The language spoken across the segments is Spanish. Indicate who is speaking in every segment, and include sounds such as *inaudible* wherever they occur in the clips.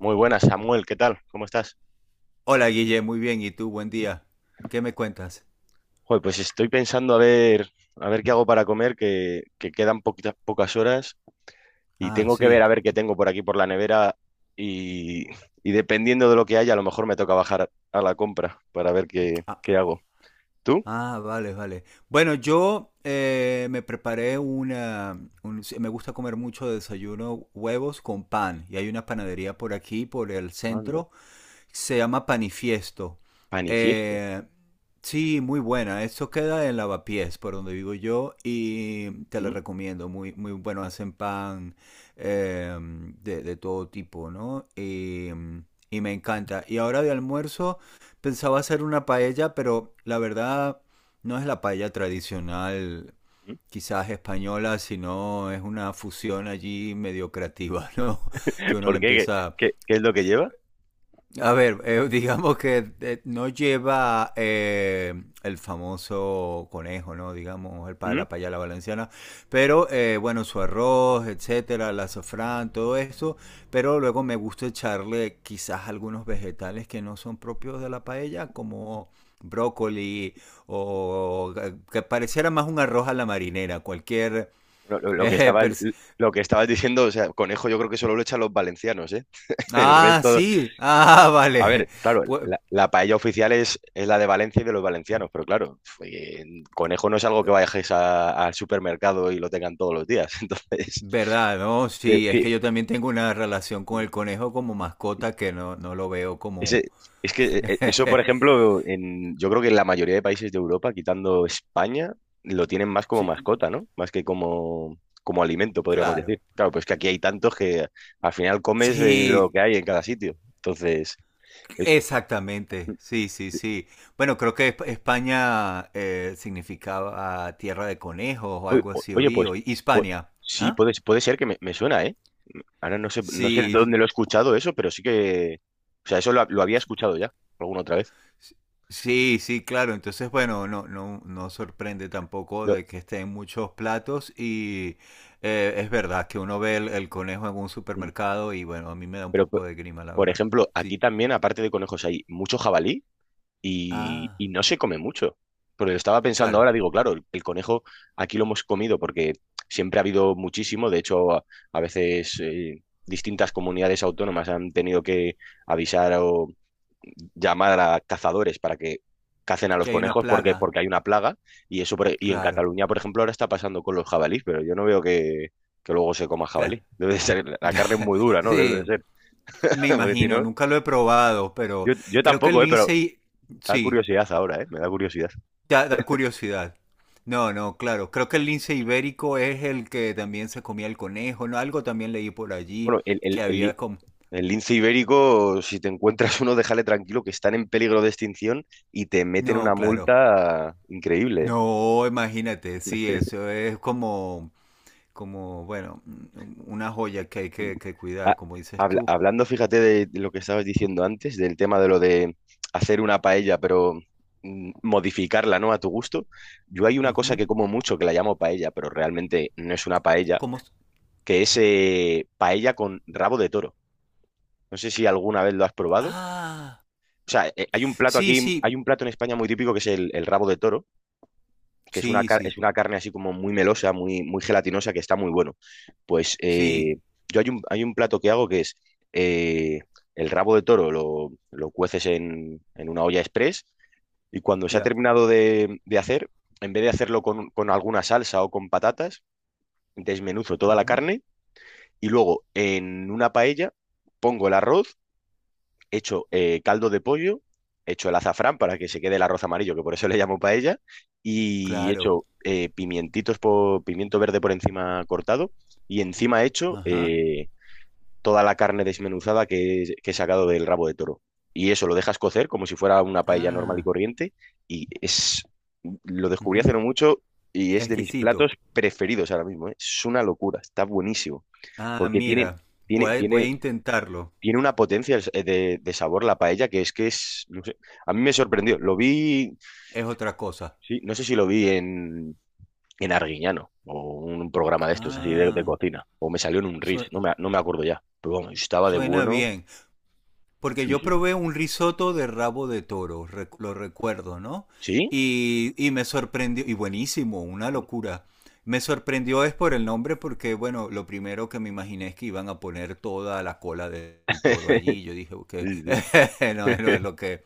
Speaker 1: Muy buenas, Samuel, ¿qué tal? ¿Cómo estás?
Speaker 2: Hola Guille, muy bien. ¿Y tú? Buen día. ¿Qué me cuentas?
Speaker 1: Joder, pues estoy pensando a ver, qué hago para comer, que quedan pocas horas y
Speaker 2: Ah,
Speaker 1: tengo que ver
Speaker 2: sí.
Speaker 1: a ver qué tengo por aquí por la nevera y, y dependiendo de lo que haya, a lo mejor me toca bajar a la compra para ver qué
Speaker 2: Ah,
Speaker 1: hago. ¿Tú?
Speaker 2: ah, vale, vale. Bueno, yo me preparé una... sí, me gusta comer mucho de desayuno huevos con pan. Y hay una panadería por aquí, por el
Speaker 1: Anda,
Speaker 2: centro, se llama Panifiesto.
Speaker 1: panifiesto.
Speaker 2: Eh, sí, muy buena. Esto queda en Lavapiés, por donde vivo yo, y te la
Speaker 1: ¿Mm?
Speaker 2: recomiendo. Muy, muy bueno, hacen pan eh, de todo tipo, ¿no? Y me encanta. Y ahora de almuerzo pensaba hacer una paella, pero la verdad no es la paella tradicional
Speaker 1: ¿Mm?
Speaker 2: quizás española, sino es una fusión allí medio creativa, ¿no? *laughs* Que uno le
Speaker 1: ¿Por qué? ¿Qué,
Speaker 2: empieza
Speaker 1: qué- qué es lo que lleva?
Speaker 2: a ver, *laughs* digamos que no lleva el famoso conejo, ¿no? Digamos, el pa
Speaker 1: ¿Mm?
Speaker 2: la payala valenciana, pero bueno, su arroz, etcétera, la azafrán, todo eso, pero luego me gusta echarle quizás algunos vegetales que no son propios de la paella, como brócoli o que pareciera más un arroz a la marinera, cualquier...
Speaker 1: Lo, lo- lo que
Speaker 2: eh, *laughs*
Speaker 1: estaba,
Speaker 2: pers-
Speaker 1: lo que estabas diciendo, o sea, conejo yo creo que solo lo echan los valencianos, ¿eh? *laughs* El
Speaker 2: ah,
Speaker 1: resto.
Speaker 2: sí, ah, *laughs*
Speaker 1: A
Speaker 2: vale.
Speaker 1: ver, claro, la paella oficial es la de Valencia y de los valencianos, pero claro, conejo no es algo que vayáis al supermercado y lo tengan todos los días. *laughs* Entonces,
Speaker 2: ¿Verdad? No, sí, es
Speaker 1: sí,
Speaker 2: que yo también tengo una relación con el conejo como mascota que no, no lo veo como...
Speaker 1: ese- es que
Speaker 2: *laughs*
Speaker 1: eso, por ejemplo, yo creo que en la mayoría de países de Europa, quitando España, lo tienen más como
Speaker 2: Sí,
Speaker 1: mascota, ¿no? Más que como, alimento, podríamos
Speaker 2: claro.
Speaker 1: decir. Claro, pues que aquí hay tantos que al final comes lo
Speaker 2: Sí,
Speaker 1: que hay en cada sitio. Entonces,
Speaker 2: exactamente. Sí, sí, sí. Bueno, creo que España significaba tierra de conejos o
Speaker 1: Oy-
Speaker 2: algo
Speaker 1: o-
Speaker 2: así,
Speaker 1: Oye,
Speaker 2: oí,
Speaker 1: pues,
Speaker 2: o
Speaker 1: pu-
Speaker 2: Hispania.
Speaker 1: sí,
Speaker 2: ¿Ah?
Speaker 1: puede ser que me suena, ¿eh? Ahora no sé de
Speaker 2: Sí,
Speaker 1: dónde lo he escuchado eso, pero sí que... O sea, eso lo había escuchado ya, alguna otra vez.
Speaker 2: sí, sí, claro. Entonces, bueno, no, no, no sorprende tampoco
Speaker 1: Lo-
Speaker 2: de que estén muchos platos y es verdad que uno ve el conejo en un
Speaker 1: mm.
Speaker 2: supermercado y bueno, a mí me da un
Speaker 1: Pero,
Speaker 2: poco de grima, la
Speaker 1: por
Speaker 2: verdad.
Speaker 1: ejemplo, aquí
Speaker 2: Sí.
Speaker 1: también, aparte de conejos, hay mucho jabalí y,
Speaker 2: Ah,
Speaker 1: y no se come mucho. Pero estaba pensando
Speaker 2: claro.
Speaker 1: ahora, digo, claro, el conejo aquí lo hemos comido porque siempre ha habido muchísimo. De hecho, a veces distintas comunidades autónomas han tenido que avisar o llamar a cazadores para que cacen a los
Speaker 2: Que hay una
Speaker 1: conejos porque,
Speaker 2: plaga.
Speaker 1: porque hay una plaga y eso y en
Speaker 2: Claro.
Speaker 1: Cataluña, por ejemplo, ahora está pasando con los jabalíes, pero yo no veo que luego se coma
Speaker 2: Claro.
Speaker 1: jabalí. *laughs* Debe de ser,
Speaker 2: *laughs*
Speaker 1: la carne es muy dura, ¿no? Debe de
Speaker 2: Sí,
Speaker 1: ser,
Speaker 2: me
Speaker 1: *laughs* porque si
Speaker 2: imagino.
Speaker 1: no,
Speaker 2: Nunca lo he probado, pero
Speaker 1: yo
Speaker 2: creo que el
Speaker 1: tampoco, ¿eh? Pero
Speaker 2: lince,
Speaker 1: da
Speaker 2: sí.
Speaker 1: curiosidad ahora, ¿eh? Me da curiosidad.
Speaker 2: Da, da curiosidad. No, no, claro. Creo que el lince ibérico es el que también se comía el conejo, ¿no? Algo también leí por allí
Speaker 1: Bueno, el, el,
Speaker 2: que
Speaker 1: el,
Speaker 2: había
Speaker 1: li-
Speaker 2: como...
Speaker 1: el lince ibérico, si te encuentras uno, déjale tranquilo, que están en peligro de extinción y te meten una
Speaker 2: No, claro.
Speaker 1: multa increíble, ¿eh?
Speaker 2: No, imagínate, sí, eso es como, como, bueno, una joya que hay
Speaker 1: Mm.
Speaker 2: que cuidar,
Speaker 1: Ha-
Speaker 2: como dices
Speaker 1: habla-
Speaker 2: tú.
Speaker 1: hablando, fíjate, de lo que estabas diciendo antes, del tema de lo de hacer una paella, pero modificarla, ¿no? A tu gusto. Yo hay una cosa
Speaker 2: Ujú.
Speaker 1: que como mucho que la llamo paella, pero realmente no es una paella,
Speaker 2: Como...
Speaker 1: que es paella con rabo de toro. No sé si alguna vez lo has probado.
Speaker 2: Ah,
Speaker 1: O sea, hay un plato
Speaker 2: sí,
Speaker 1: aquí, hay
Speaker 2: sí,
Speaker 1: un plato en España muy típico que es el rabo de toro, que es una,
Speaker 2: sí,
Speaker 1: car- es
Speaker 2: sí,
Speaker 1: una carne así como muy melosa, muy, muy gelatinosa, que está muy bueno. Pues
Speaker 2: sí,
Speaker 1: yo hay un plato que hago que es eh, el rabo de toro, lo cueces en una olla express y cuando se ha
Speaker 2: ya.
Speaker 1: terminado de hacer, en vez de hacerlo con alguna salsa o con patatas, desmenuzo toda la
Speaker 2: Ujú.
Speaker 1: carne y luego en una paella pongo el arroz hecho caldo de pollo, hecho el azafrán para que se quede el arroz amarillo, que por eso le llamo paella, y
Speaker 2: Claro.
Speaker 1: hecho pimiento verde por encima cortado, y encima hecho
Speaker 2: Ajá.
Speaker 1: toda la carne desmenuzada que he sacado del rabo de toro. Y eso lo dejas cocer como si fuera una paella normal y
Speaker 2: Ah.
Speaker 1: corriente, y es, lo descubrí hace
Speaker 2: Ujú.
Speaker 1: no mucho. Y es de mis
Speaker 2: Exquisito.
Speaker 1: platos preferidos ahora mismo, ¿eh? Es una locura, está buenísimo.
Speaker 2: Ah,
Speaker 1: Porque
Speaker 2: mira,
Speaker 1: tiene,
Speaker 2: voy a, voy a
Speaker 1: tiene
Speaker 2: intentarlo.
Speaker 1: tiene una potencia el de sabor la paella que es, no sé, a mí me sorprendió. Lo vi,
Speaker 2: Es otra cosa.
Speaker 1: sí, no sé si lo vi en, Arguiñano o un programa de estos así de
Speaker 2: Ah,
Speaker 1: cocina, o me salió en un Reels,
Speaker 2: su-
Speaker 1: no me acuerdo ya, pero vamos, estaba de
Speaker 2: suena
Speaker 1: bueno.
Speaker 2: bien. Porque
Speaker 1: Sí,
Speaker 2: yo
Speaker 1: sí, sí.
Speaker 2: probé un risotto de rabo de toro, lo recuerdo, ¿no?
Speaker 1: ¿Sí?
Speaker 2: Y me sorprendió, y buenísimo, una locura. Me sorprendió es por el nombre porque, bueno, lo primero que me imaginé es que iban a poner toda la cola del toro
Speaker 1: *laughs*
Speaker 2: allí. Yo dije, ok,
Speaker 1: Sí, sí.
Speaker 2: *laughs* no, no es lo que...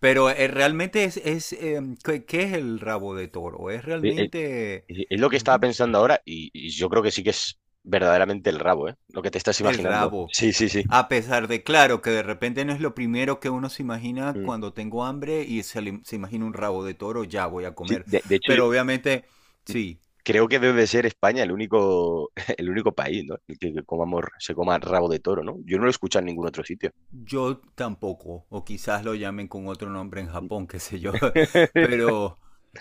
Speaker 2: Pero realmente es ¿qué, qué es el rabo de toro? Es
Speaker 1: Eh, eh,
Speaker 2: realmente...
Speaker 1: Es lo que estaba pensando ahora y yo creo que sí que es verdaderamente el rabo, ¿eh? Lo que te estás
Speaker 2: El
Speaker 1: imaginando.
Speaker 2: rabo.
Speaker 1: Sí, sí, sí.
Speaker 2: A pesar de, claro, que de repente no es lo primero que uno se imagina
Speaker 1: Mm.
Speaker 2: cuando tengo hambre y se imagina un rabo de toro, ya voy a
Speaker 1: Sí,
Speaker 2: comer.
Speaker 1: de hecho.
Speaker 2: Pero obviamente, sí.
Speaker 1: Creo que debe de ser España el único, *laughs* el único país, ¿no? El que comamos, se coma rabo de toro, ¿no? Yo no lo he escuchado en ningún otro sitio.
Speaker 2: Yo tampoco, o quizás lo llamen con otro nombre en Japón, qué sé yo. *laughs*
Speaker 1: *laughs*
Speaker 2: Pero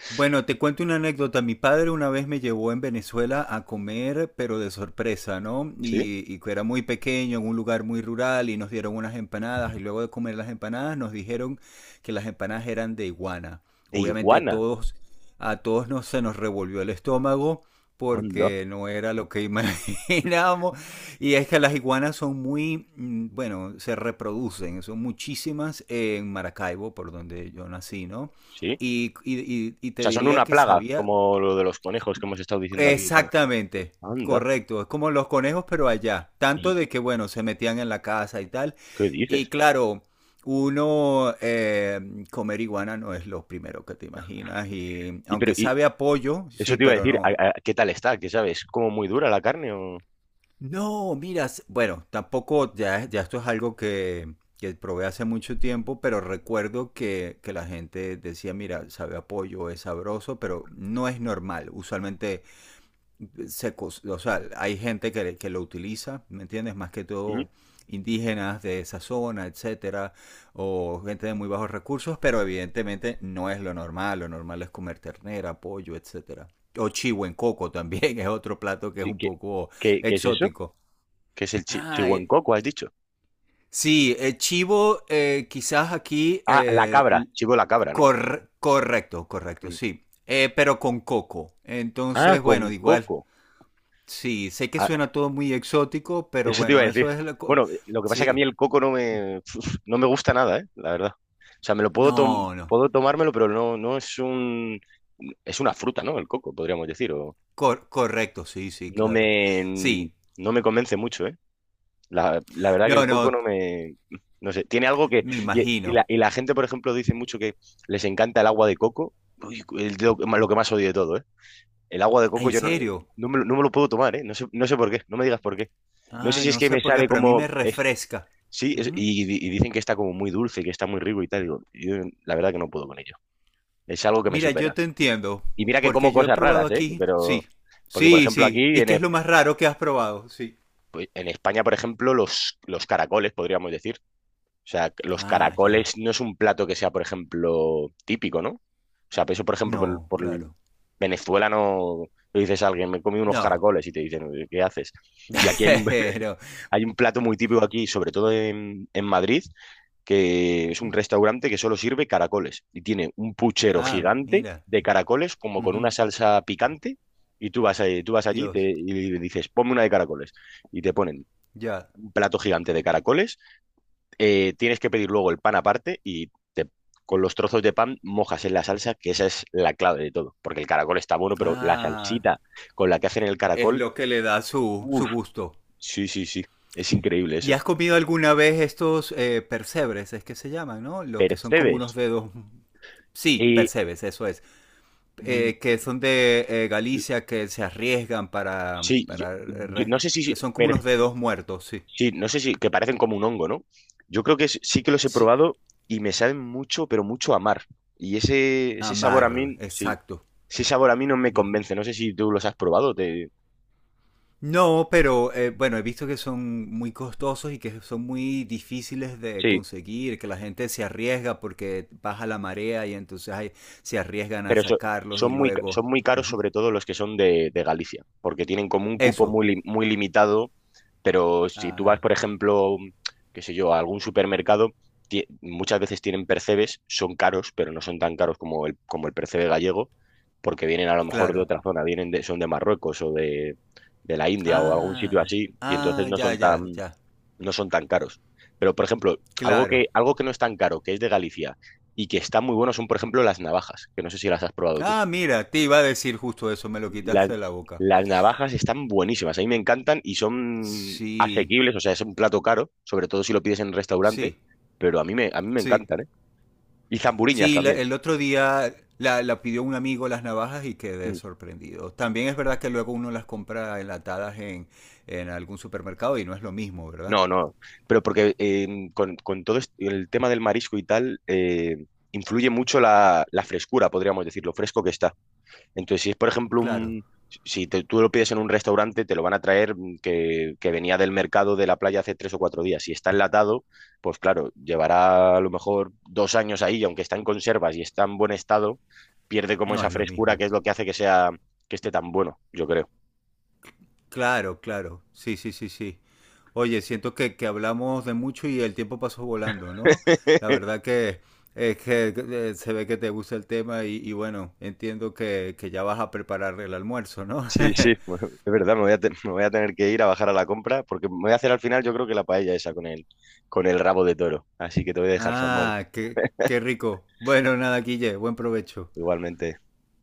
Speaker 2: bueno, te cuento una anécdota. Mi padre una vez me llevó en Venezuela a comer, pero de sorpresa, ¿no?
Speaker 1: ¿Sí?
Speaker 2: Y que era muy pequeño, en un lugar muy rural, y nos dieron unas empanadas, y luego de comer las empanadas nos dijeron que las empanadas eran de iguana.
Speaker 1: De
Speaker 2: Obviamente
Speaker 1: iguana.
Speaker 2: a todos nos, se nos revolvió el estómago
Speaker 1: Anda.
Speaker 2: porque no era lo que *laughs* imaginábamos. Y es que las iguanas son muy, bueno, se reproducen, son muchísimas en Maracaibo, por donde yo nací, ¿no?
Speaker 1: Sí.
Speaker 2: Y, y
Speaker 1: O
Speaker 2: te
Speaker 1: sea, son
Speaker 2: diría
Speaker 1: una
Speaker 2: que
Speaker 1: plaga,
Speaker 2: sabía
Speaker 1: como lo de los conejos que hemos estado diciendo aquí y tal.
Speaker 2: exactamente,
Speaker 1: Anda.
Speaker 2: correcto, es como los conejos, pero allá, tanto
Speaker 1: ¿Y
Speaker 2: de
Speaker 1: y-
Speaker 2: que, bueno, se metían en la casa y tal.
Speaker 1: qué
Speaker 2: Y
Speaker 1: dices?
Speaker 2: claro, uno comer iguana no es lo primero que te imaginas, y
Speaker 1: Y pero
Speaker 2: aunque
Speaker 1: y
Speaker 2: sabe a pollo,
Speaker 1: eso
Speaker 2: sí,
Speaker 1: te iba a
Speaker 2: pero
Speaker 1: decir, ¿a-
Speaker 2: no.
Speaker 1: a- ¿qué tal está? ¿Qué sabes? ¿Como muy dura la carne o?
Speaker 2: No, miras, bueno, tampoco, ya, ya esto es algo que probé hace mucho tiempo, pero recuerdo que la gente decía, mira, sabe a pollo, es sabroso, pero no es normal. Usualmente se, o sea, hay gente que lo utiliza, ¿me entiendes? Más que
Speaker 1: ¿Mm?
Speaker 2: todo indígenas de esa zona, etcétera, o gente de muy bajos recursos, pero evidentemente no es lo normal. Lo normal es comer ternera, pollo, etcétera. O chivo en coco también *laughs* es otro plato que es
Speaker 1: Sí,
Speaker 2: un
Speaker 1: ¿Qué,
Speaker 2: poco
Speaker 1: qué, qué es eso?
Speaker 2: exótico.
Speaker 1: ¿Qué es el chi
Speaker 2: Ah,
Speaker 1: chihuencoco, has dicho?
Speaker 2: sí, chivo, quizás aquí,
Speaker 1: Ah, la cabra, chivo la cabra, ¿no?
Speaker 2: correcto, correcto,
Speaker 1: Mm.
Speaker 2: sí. Pero con coco.
Speaker 1: Ah,
Speaker 2: Entonces,
Speaker 1: con
Speaker 2: bueno, igual,
Speaker 1: coco.
Speaker 2: sí, sé que suena todo muy exótico, pero
Speaker 1: Eso te iba a
Speaker 2: bueno,
Speaker 1: decir.
Speaker 2: eso es la... co-
Speaker 1: Bueno, lo que pasa es que a
Speaker 2: Sí,
Speaker 1: mí el coco no me, uf, no me gusta nada, ¿eh? La verdad. O sea, me lo puedo, tom-
Speaker 2: no, no,
Speaker 1: puedo tomármelo, pero no, no es un... Es una fruta, ¿no? El coco, podríamos decir. O
Speaker 2: correcto, sí, sí,
Speaker 1: no
Speaker 2: claro.
Speaker 1: me,
Speaker 2: Sí,
Speaker 1: no me convence mucho, ¿eh? La verdad que el
Speaker 2: no,
Speaker 1: coco
Speaker 2: no,
Speaker 1: no me... No sé, tiene algo que...
Speaker 2: me
Speaker 1: Y, y
Speaker 2: imagino.
Speaker 1: la, y la gente, por ejemplo, dice mucho que les encanta el agua de coco. Uy, lo que más odio de todo, ¿eh? El agua de
Speaker 2: Ah,
Speaker 1: coco
Speaker 2: ¿en
Speaker 1: yo no,
Speaker 2: serio?
Speaker 1: no me, lo no me lo puedo tomar, ¿eh? no sé, por qué, no me digas por qué. No sé
Speaker 2: Ah,
Speaker 1: si es
Speaker 2: no
Speaker 1: que
Speaker 2: sé
Speaker 1: me
Speaker 2: por qué,
Speaker 1: sabe
Speaker 2: pero a mí
Speaker 1: como...
Speaker 2: me refresca.
Speaker 1: Sí, y dicen que está como muy dulce, que está muy rico y tal. Digo, yo la verdad que no puedo con ello. Es algo que me
Speaker 2: Mira, yo
Speaker 1: supera.
Speaker 2: te entiendo,
Speaker 1: Y mira que como
Speaker 2: porque yo he
Speaker 1: cosas
Speaker 2: probado
Speaker 1: raras, ¿eh?
Speaker 2: aquí, sí,
Speaker 1: Porque por
Speaker 2: sí,
Speaker 1: ejemplo
Speaker 2: sí.
Speaker 1: aquí
Speaker 2: ¿Y qué es lo más raro que has probado? Sí.
Speaker 1: En España, por ejemplo, los caracoles, podríamos decir. O sea, los
Speaker 2: Ah, ya.
Speaker 1: caracoles no es un plato que sea, por ejemplo, típico, ¿no? O sea, eso, por ejemplo,
Speaker 2: No, claro.
Speaker 1: Venezuela no le dices a alguien, me he comido unos
Speaker 2: No.
Speaker 1: caracoles y te dicen, ¿qué haces? Y aquí hay un,
Speaker 2: *laughs* Pero.
Speaker 1: Hay un, plato muy típico aquí, sobre todo en Madrid, que es un
Speaker 2: Ujú.
Speaker 1: restaurante que solo sirve caracoles y tiene un puchero
Speaker 2: Ah,
Speaker 1: gigante
Speaker 2: mira.
Speaker 1: de caracoles como con
Speaker 2: Ujú.
Speaker 1: una salsa picante y tú vas allí y
Speaker 2: Dios.
Speaker 1: te- y dices, ponme una de caracoles y te ponen
Speaker 2: Ya.
Speaker 1: un plato gigante de caracoles, tienes que pedir luego el pan aparte con los trozos de pan mojas en la salsa, que esa es la clave de todo, porque el caracol está bueno, pero la
Speaker 2: Ah,
Speaker 1: salsita con la que hacen el
Speaker 2: es
Speaker 1: caracol,
Speaker 2: lo que le da su, su
Speaker 1: uff,
Speaker 2: gusto.
Speaker 1: sí, sí, sí, es increíble
Speaker 2: ¿Y
Speaker 1: eso.
Speaker 2: has comido alguna vez estos percebres? Es que se llaman, ¿no? Los que son como unos
Speaker 1: Percebes.
Speaker 2: dedos. Sí,
Speaker 1: Y
Speaker 2: percebes, eso es.
Speaker 1: mm,
Speaker 2: Que son de Galicia, que se arriesgan
Speaker 1: sí,
Speaker 2: para que son como unos dedos muertos, sí.
Speaker 1: no sé si, que parecen como un hongo, ¿no? Yo creo que s- sí que los he
Speaker 2: Sí.
Speaker 1: probado y me saben mucho, pero mucho a mar. Y ese sabor a
Speaker 2: Amar,
Speaker 1: mí, sí,
Speaker 2: exacto.
Speaker 1: ese sabor a mí no me
Speaker 2: Ujú.
Speaker 1: convence. No sé si tú los has probado. Te...
Speaker 2: No, pero bueno, he visto que son muy costosos y que son muy difíciles de
Speaker 1: Sí.
Speaker 2: conseguir, que la gente se arriesga porque baja la marea y entonces ahí se arriesgan a
Speaker 1: Pero so-
Speaker 2: sacarlos y
Speaker 1: son muy, ca-
Speaker 2: luego...
Speaker 1: son muy caros,
Speaker 2: Ujú.
Speaker 1: sobre todo los que son de Galicia, porque tienen como un cupo
Speaker 2: Eso.
Speaker 1: muy limitado. Pero si tú vas,
Speaker 2: Ah,
Speaker 1: por ejemplo, qué sé yo, a algún supermercado, muchas veces tienen percebes, son caros, pero no son tan caros como el percebe gallego, porque vienen a lo mejor de
Speaker 2: claro.
Speaker 1: otra zona, son de Marruecos o de la India o algún
Speaker 2: Ah,
Speaker 1: sitio así, y entonces
Speaker 2: ah,
Speaker 1: no
Speaker 2: ya,
Speaker 1: son
Speaker 2: ya,
Speaker 1: tan,
Speaker 2: ya.
Speaker 1: no son tan caros. Pero, por ejemplo,
Speaker 2: Claro.
Speaker 1: algo que no es tan caro, que es de Galicia y que está muy bueno, son, por ejemplo, las navajas, que no sé si las has probado tú.
Speaker 2: Ah, mira, te iba a decir justo eso, me lo
Speaker 1: La-
Speaker 2: quitaste de la boca.
Speaker 1: las navajas están buenísimas, a mí me encantan y son
Speaker 2: Sí,
Speaker 1: asequibles, o sea, es un plato caro, sobre todo si lo pides en un restaurante,
Speaker 2: sí,
Speaker 1: pero a mí me
Speaker 2: sí.
Speaker 1: encantan, ¿eh? Y zamburiñas
Speaker 2: Sí,
Speaker 1: también.
Speaker 2: el otro día la, la pidió un amigo las navajas y quedé
Speaker 1: Mm.
Speaker 2: sorprendido. También es verdad que luego uno las compra enlatadas en algún supermercado y no es lo mismo, ¿verdad?
Speaker 1: No, no, pero porque con todo el tema del marisco y tal, influye mucho la frescura, podríamos decir, lo fresco que está. Entonces, si es, por ejemplo,
Speaker 2: Claro,
Speaker 1: un, si te- tú lo pides en un restaurante, te lo van a traer que venía del mercado de la playa hace 3 o 4 días. Si está enlatado, pues claro, llevará a lo mejor 2 años ahí y aunque está en conservas y está en buen estado, pierde como
Speaker 2: no
Speaker 1: esa
Speaker 2: es lo
Speaker 1: frescura
Speaker 2: mismo.
Speaker 1: que es lo que hace que esté tan bueno, yo creo.
Speaker 2: Claro, claro. Sí, sí, sí, sí. Oye, siento que hablamos de mucho y el tiempo pasó volando, ¿no? La
Speaker 1: *laughs*
Speaker 2: verdad que es que se ve que te gusta el tema y bueno, entiendo que ya vas a preparar el almuerzo, ¿no?
Speaker 1: Sí, sí,
Speaker 2: *laughs*
Speaker 1: bueno, es verdad, me voy a, me voy a tener que ir a bajar a la compra porque me voy a hacer al final yo creo que la paella esa con el, rabo de toro. Así que te voy a dejar, Samuel,
Speaker 2: Ah, qué, qué rico. Bueno, nada, Guille, buen provecho.
Speaker 1: igualmente.